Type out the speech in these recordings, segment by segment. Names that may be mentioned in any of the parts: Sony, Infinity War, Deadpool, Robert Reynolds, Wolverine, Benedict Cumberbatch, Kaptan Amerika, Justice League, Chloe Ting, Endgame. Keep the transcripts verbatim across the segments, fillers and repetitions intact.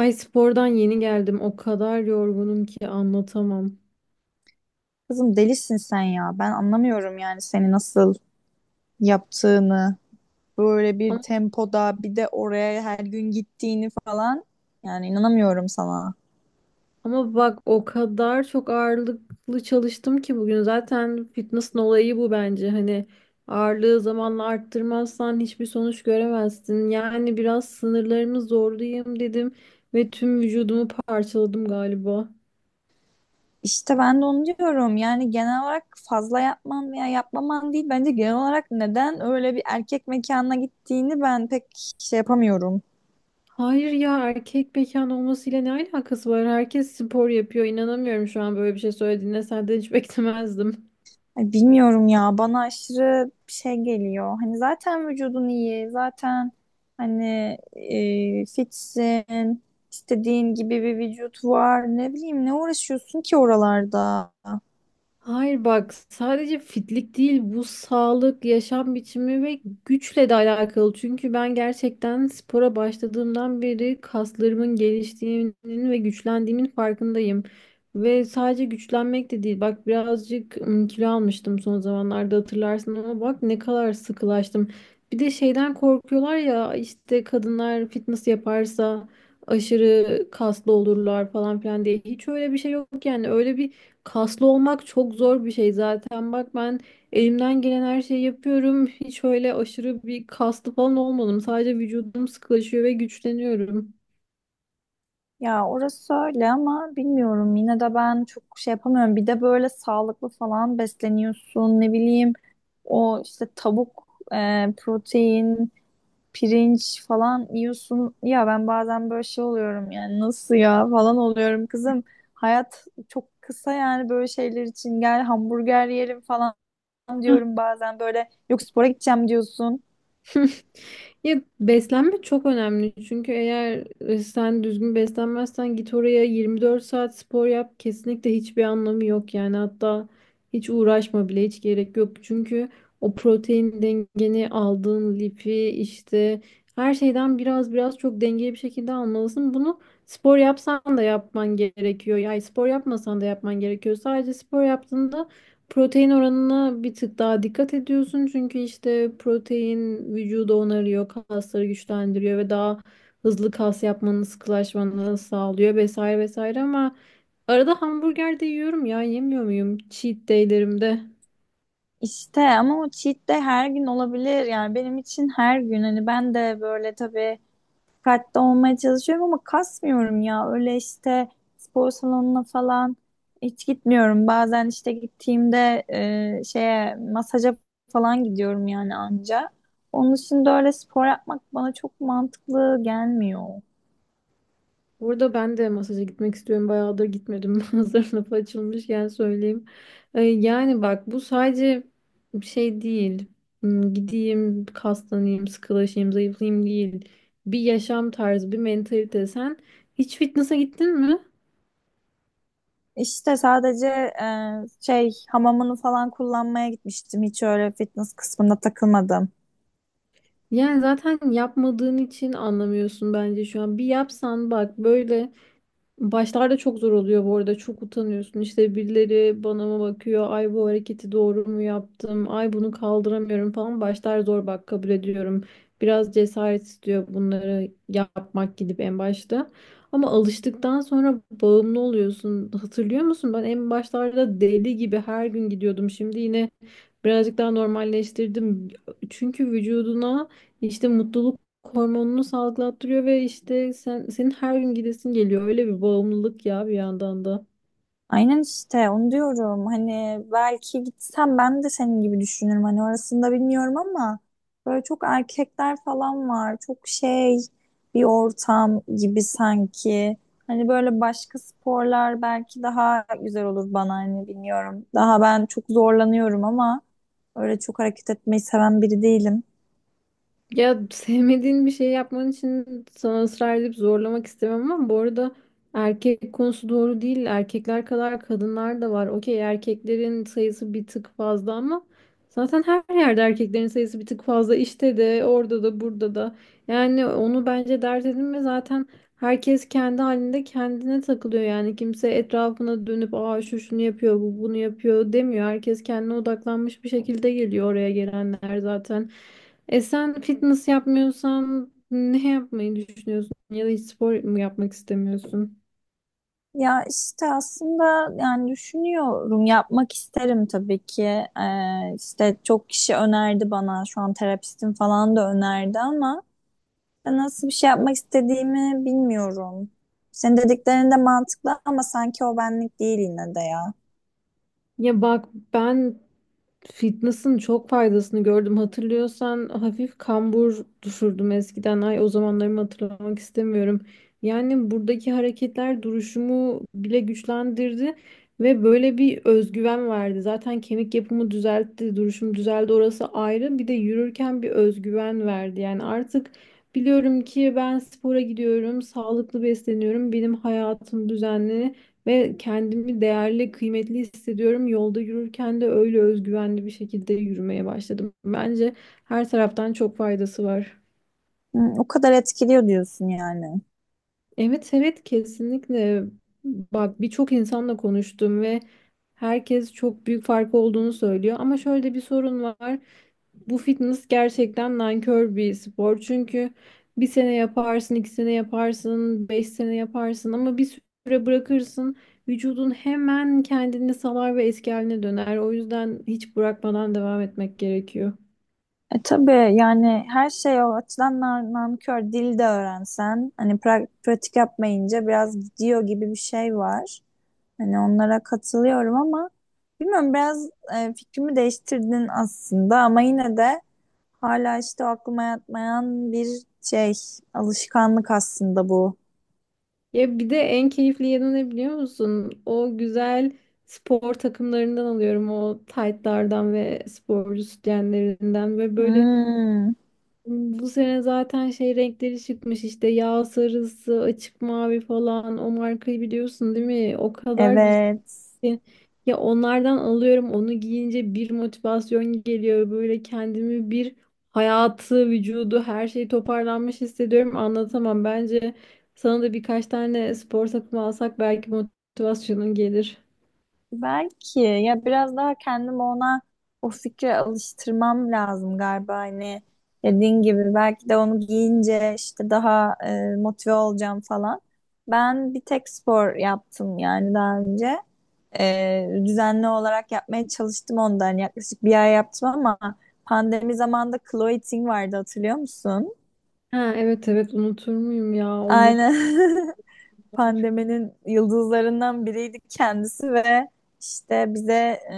Ay spordan yeni geldim. O kadar yorgunum ki anlatamam. Kızım delisin sen ya. Ben anlamıyorum yani seni nasıl yaptığını. Böyle bir Ama, tempoda bir de oraya her gün gittiğini falan. Yani inanamıyorum sana. ama bak o kadar çok ağırlıklı çalıştım ki bugün. Zaten fitness'ın olayı bu bence. Hani ağırlığı zamanla arttırmazsan hiçbir sonuç göremezsin. Yani biraz sınırlarımı zorlayayım dedim ve tüm vücudumu parçaladım galiba. İşte ben de onu diyorum. Yani genel olarak fazla yapman veya yapmaman değil. Bence genel olarak neden öyle bir erkek mekanına gittiğini ben pek şey yapamıyorum. Hayır ya, erkek mekan olmasıyla ne alakası var? Herkes spor yapıyor. İnanamıyorum şu an böyle bir şey söylediğine. Senden hiç beklemezdim. Ay, bilmiyorum ya, bana aşırı şey geliyor. Hani zaten vücudun iyi, zaten hani e, fitsin, istediğin gibi bir vücut var. Ne bileyim, ne uğraşıyorsun ki oralarda? Hayır bak, sadece fitlik değil bu, sağlık, yaşam biçimi ve güçle de alakalı. Çünkü ben gerçekten spora başladığımdan beri kaslarımın geliştiğinin ve güçlendiğimin farkındayım. Ve sadece güçlenmek de değil. Bak birazcık ım, kilo almıştım son zamanlarda, hatırlarsın, ama bak ne kadar sıkılaştım. Bir de şeyden korkuyorlar ya, işte kadınlar fitness yaparsa aşırı kaslı olurlar falan filan diye. Hiç öyle bir şey yok, yani öyle bir kaslı olmak çok zor bir şey zaten. Bak ben elimden gelen her şeyi yapıyorum. Hiç öyle aşırı bir kaslı falan olmadım. Sadece vücudum sıkılaşıyor ve güçleniyorum. Ya orası öyle ama bilmiyorum, yine de ben çok şey yapamıyorum. Bir de böyle sağlıklı falan besleniyorsun, ne bileyim, o işte tavuk, e, protein, pirinç falan yiyorsun. Ya ben bazen böyle şey oluyorum, yani nasıl ya falan oluyorum kızım. Hayat çok kısa, yani böyle şeyler için gel hamburger yiyelim falan diyorum bazen böyle. Yok, spora gideceğim diyorsun. Ya beslenme çok önemli, çünkü eğer e, sen düzgün beslenmezsen, git oraya yirmi dört saat spor yap, kesinlikle hiçbir anlamı yok. Yani hatta hiç uğraşma bile, hiç gerek yok. Çünkü o protein dengeni, aldığın lifi, işte her şeyden biraz biraz çok dengeli bir şekilde almalısın. Bunu spor yapsan da yapman gerekiyor, yani spor yapmasan da yapman gerekiyor. Sadece spor yaptığında protein oranına bir tık daha dikkat ediyorsun, çünkü işte protein vücudu onarıyor, kasları güçlendiriyor ve daha hızlı kas yapmanı, sıkılaşmanı sağlıyor vesaire vesaire. Ama arada hamburger de yiyorum ya, yemiyor muyum cheat day'lerimde? İşte ama o cheat de her gün olabilir, yani benim için her gün. Hani ben de böyle tabii dikkatli olmaya çalışıyorum ama kasmıyorum ya. Öyle işte, spor salonuna falan hiç gitmiyorum. Bazen işte gittiğimde e, şeye, masaja falan gidiyorum yani, anca. Onun için de öyle spor yapmak bana çok mantıklı gelmiyor. Burada ben de masaja gitmek istiyorum. Bayağıdır gitmedim. Hazır lafı açılmışken söyleyeyim. Ee, yani bak, bu sadece bir şey değil. Hmm, Gideyim, kaslanayım, sıkılaşayım, zayıflayayım değil. Bir yaşam tarzı, bir mentalite. Sen hiç fitness'a gittin mi? İşte sadece e, şey, hamamını falan kullanmaya gitmiştim. Hiç öyle fitness kısmında takılmadım. Yani zaten yapmadığın için anlamıyorsun bence şu an. Bir yapsan bak, böyle başlarda çok zor oluyor bu arada. Çok utanıyorsun. İşte birileri bana mı bakıyor? Ay bu hareketi doğru mu yaptım? Ay bunu kaldıramıyorum falan. Başlar zor, bak kabul ediyorum. Biraz cesaret istiyor bunları yapmak, gidip en başta. Ama alıştıktan sonra bağımlı oluyorsun. Hatırlıyor musun? Ben en başlarda deli gibi her gün gidiyordum. Şimdi yine birazcık daha normalleştirdim. Çünkü vücuduna işte mutluluk hormonunu salgılattırıyor ve işte sen, senin her gün gidesin geliyor. Öyle bir bağımlılık ya bir yandan da. Aynen, işte onu diyorum. Hani belki gitsem ben de senin gibi düşünürüm. Hani orasında bilmiyorum ama böyle çok erkekler falan var. Çok şey, bir ortam gibi sanki. Hani böyle başka sporlar belki daha güzel olur bana, hani bilmiyorum. Daha ben çok zorlanıyorum ama öyle çok hareket etmeyi seven biri değilim. Ya sevmediğin bir şey yapman için sana ısrar edip zorlamak istemem, ama bu arada erkek konusu doğru değil. Erkekler kadar kadınlar da var. Okey, erkeklerin sayısı bir tık fazla, ama zaten her yerde erkeklerin sayısı bir tık fazla. İşte de, orada da, burada da. Yani onu bence dert edinme, zaten herkes kendi halinde kendine takılıyor. Yani kimse etrafına dönüp aa şu şunu yapıyor, bu bunu yapıyor demiyor. Herkes kendine odaklanmış bir şekilde geliyor, oraya gelenler zaten. E sen fitness yapmıyorsan ne yapmayı düşünüyorsun? Ya da hiç spor mu yapmak istemiyorsun? Ya işte aslında, yani düşünüyorum, yapmak isterim tabii ki. Ee, işte çok kişi önerdi bana, şu an terapistim falan da önerdi ama ben nasıl bir şey yapmak istediğimi bilmiyorum. Senin dediklerin de mantıklı ama sanki o benlik değil yine de ya. Ya bak, ben fitness'ın çok faydasını gördüm. Hatırlıyorsan hafif kambur düşürdüm eskiden. Ay, o zamanlarımı hatırlamak istemiyorum. Yani buradaki hareketler duruşumu bile güçlendirdi ve böyle bir özgüven verdi. Zaten kemik yapımı düzeltti, duruşum düzeldi, orası ayrı. Bir de yürürken bir özgüven verdi. Yani artık biliyorum ki ben spora gidiyorum, sağlıklı besleniyorum, benim hayatım düzenli. Ve kendimi değerli, kıymetli hissediyorum. Yolda yürürken de öyle özgüvenli bir şekilde yürümeye başladım. Bence her taraftan çok faydası var. Hı. O kadar etkiliyor diyorsun yani. Evet, evet, kesinlikle. Bak birçok insanla konuştum ve herkes çok büyük fark olduğunu söylüyor. Ama şöyle bir sorun var. Bu fitness gerçekten nankör bir spor. Çünkü bir sene yaparsın, iki sene yaparsın, beş sene yaparsın, ama bir süre bırakırsın. Vücudun hemen kendini salar ve eski haline döner. O yüzden hiç bırakmadan devam etmek gerekiyor. E tabii, yani her şey o açıdan nar- nankör. Dil de öğrensen, hani pra- pratik yapmayınca biraz gidiyor gibi bir şey var. Hani onlara katılıyorum ama bilmiyorum, biraz e, fikrimi değiştirdin aslında ama yine de hala işte o aklıma yatmayan bir şey, alışkanlık aslında bu. Ya bir de en keyifli yanı ne biliyor musun? O güzel spor takımlarından alıyorum. O taytlardan ve sporcu sütyenlerinden ve böyle Hmm, bu sene zaten şey renkleri çıkmış, işte yağ sarısı, açık mavi falan. O markayı biliyorsun değil mi? O kadar güzel evet. ki ya, onlardan alıyorum, onu giyince bir motivasyon geliyor böyle, kendimi bir hayatı, vücudu, her şey toparlanmış hissediyorum, anlatamam. Bence sana da birkaç tane spor takımı alsak belki motivasyonun gelir. Belki ya, biraz daha kendimi ona, o fikre alıştırmam lazım galiba. Hani dediğin gibi, belki de onu giyince işte daha e, motive olacağım falan. Ben bir tek spor yaptım yani daha önce. E, düzenli olarak yapmaya çalıştım ondan, yani yaklaşık bir ay yaptım ama pandemi zamanında Chloe Ting vardı, hatırlıyor musun? Ha, evet, evet, unutur muyum ya, o ne Aynen. paralar. Pandeminin yıldızlarından biriydi kendisi ve işte bize e,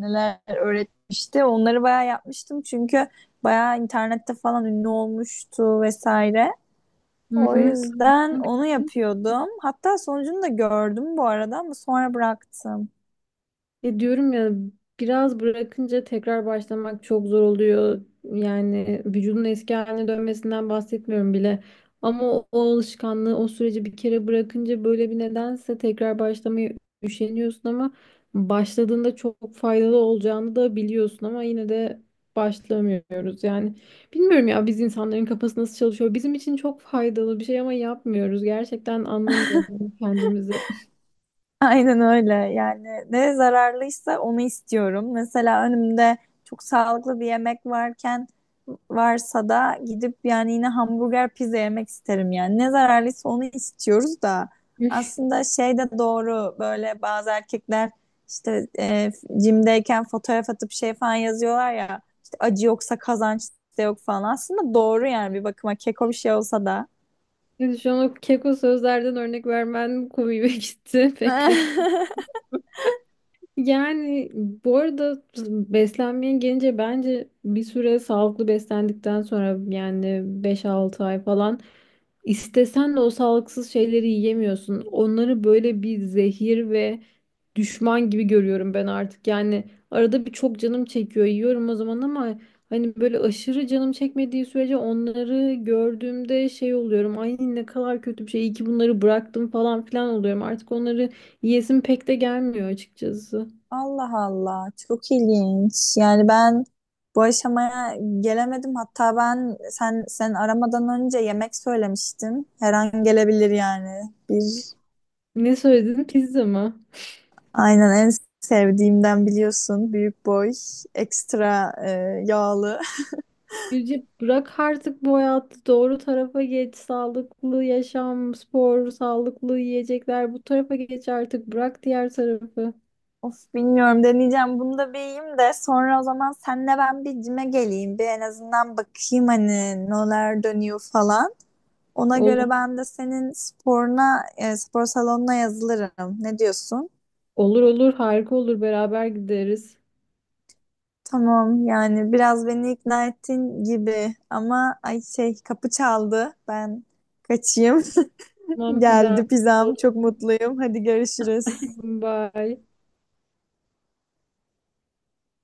neler öğretmişti. Onları bayağı yapmıştım çünkü bayağı internette falan ünlü olmuştu vesaire. Hı O hı. yüzden onu yapıyordum. Hatta sonucunu da gördüm bu arada ama sonra bıraktım. Ya diyorum ya, biraz bırakınca tekrar başlamak çok zor oluyor. Yani vücudun eski haline dönmesinden bahsetmiyorum bile. Ama o, o alışkanlığı, o süreci bir kere bırakınca böyle bir nedense tekrar başlamaya üşeniyorsun, ama başladığında çok faydalı olacağını da biliyorsun, ama yine de başlamıyoruz yani. Bilmiyorum ya, biz insanların kafası nasıl çalışıyor. Bizim için çok faydalı bir şey ama yapmıyoruz. Gerçekten anlamıyorum kendimizi. Aynen öyle. Yani ne zararlıysa onu istiyorum. Mesela önümde çok sağlıklı bir yemek varken, varsa da gidip yani yine hamburger, pizza yemek isterim yani. Ne zararlıysa onu istiyoruz da aslında şey de doğru, böyle bazı erkekler işte e, jimdeyken fotoğraf atıp şey falan yazıyorlar ya, işte acı yoksa kazanç da yok falan. Aslında doğru yani, bir bakıma keko bir şey olsa da. Yani şu an o keko sözlerden örnek vermen komiğime gitti. Bekle. Yani bu arada beslenmeye gelince, bence bir süre sağlıklı beslendikten sonra, yani beş altı ay falan, istesen de o sağlıksız şeyleri yiyemiyorsun. Onları böyle bir zehir ve düşman gibi görüyorum ben artık. Yani arada bir çok canım çekiyor, yiyorum o zaman, ama hani böyle aşırı canım çekmediği sürece onları gördüğümde şey oluyorum. Ay ne kadar kötü bir şey, iyi ki bunları bıraktım falan filan oluyorum. Artık onları yiyesim pek de gelmiyor açıkçası. Allah Allah, çok ilginç. Yani ben bu aşamaya gelemedim. Hatta ben, sen sen aramadan önce yemek söylemiştin. Her an gelebilir yani. Bir Ne söyledin? Pizza mı? aynen, en sevdiğimden, biliyorsun. Büyük boy, ekstra e, yağlı. Yüce, bırak artık bu hayatı, doğru tarafa geç. Sağlıklı yaşam, spor, sağlıklı yiyecekler, bu tarafa geç artık. Bırak diğer tarafı. Of, bilmiyorum, deneyeceğim. Bunu da bir yiyeyim de sonra o zaman senle ben bir cime geleyim. Bir en azından bakayım, hani neler dönüyor falan. Ona Olur, göre ben de senin sporuna, e, spor salonuna yazılırım. Ne diyorsun? olur, olur, harika olur, beraber gideriz. Tamam, yani biraz beni ikna ettin gibi ama ay, şey, kapı çaldı. Ben kaçayım. Tamam hadi. Geldi Afiyet pizzam. Çok olsun. mutluyum. Hadi görüşürüz. Bye.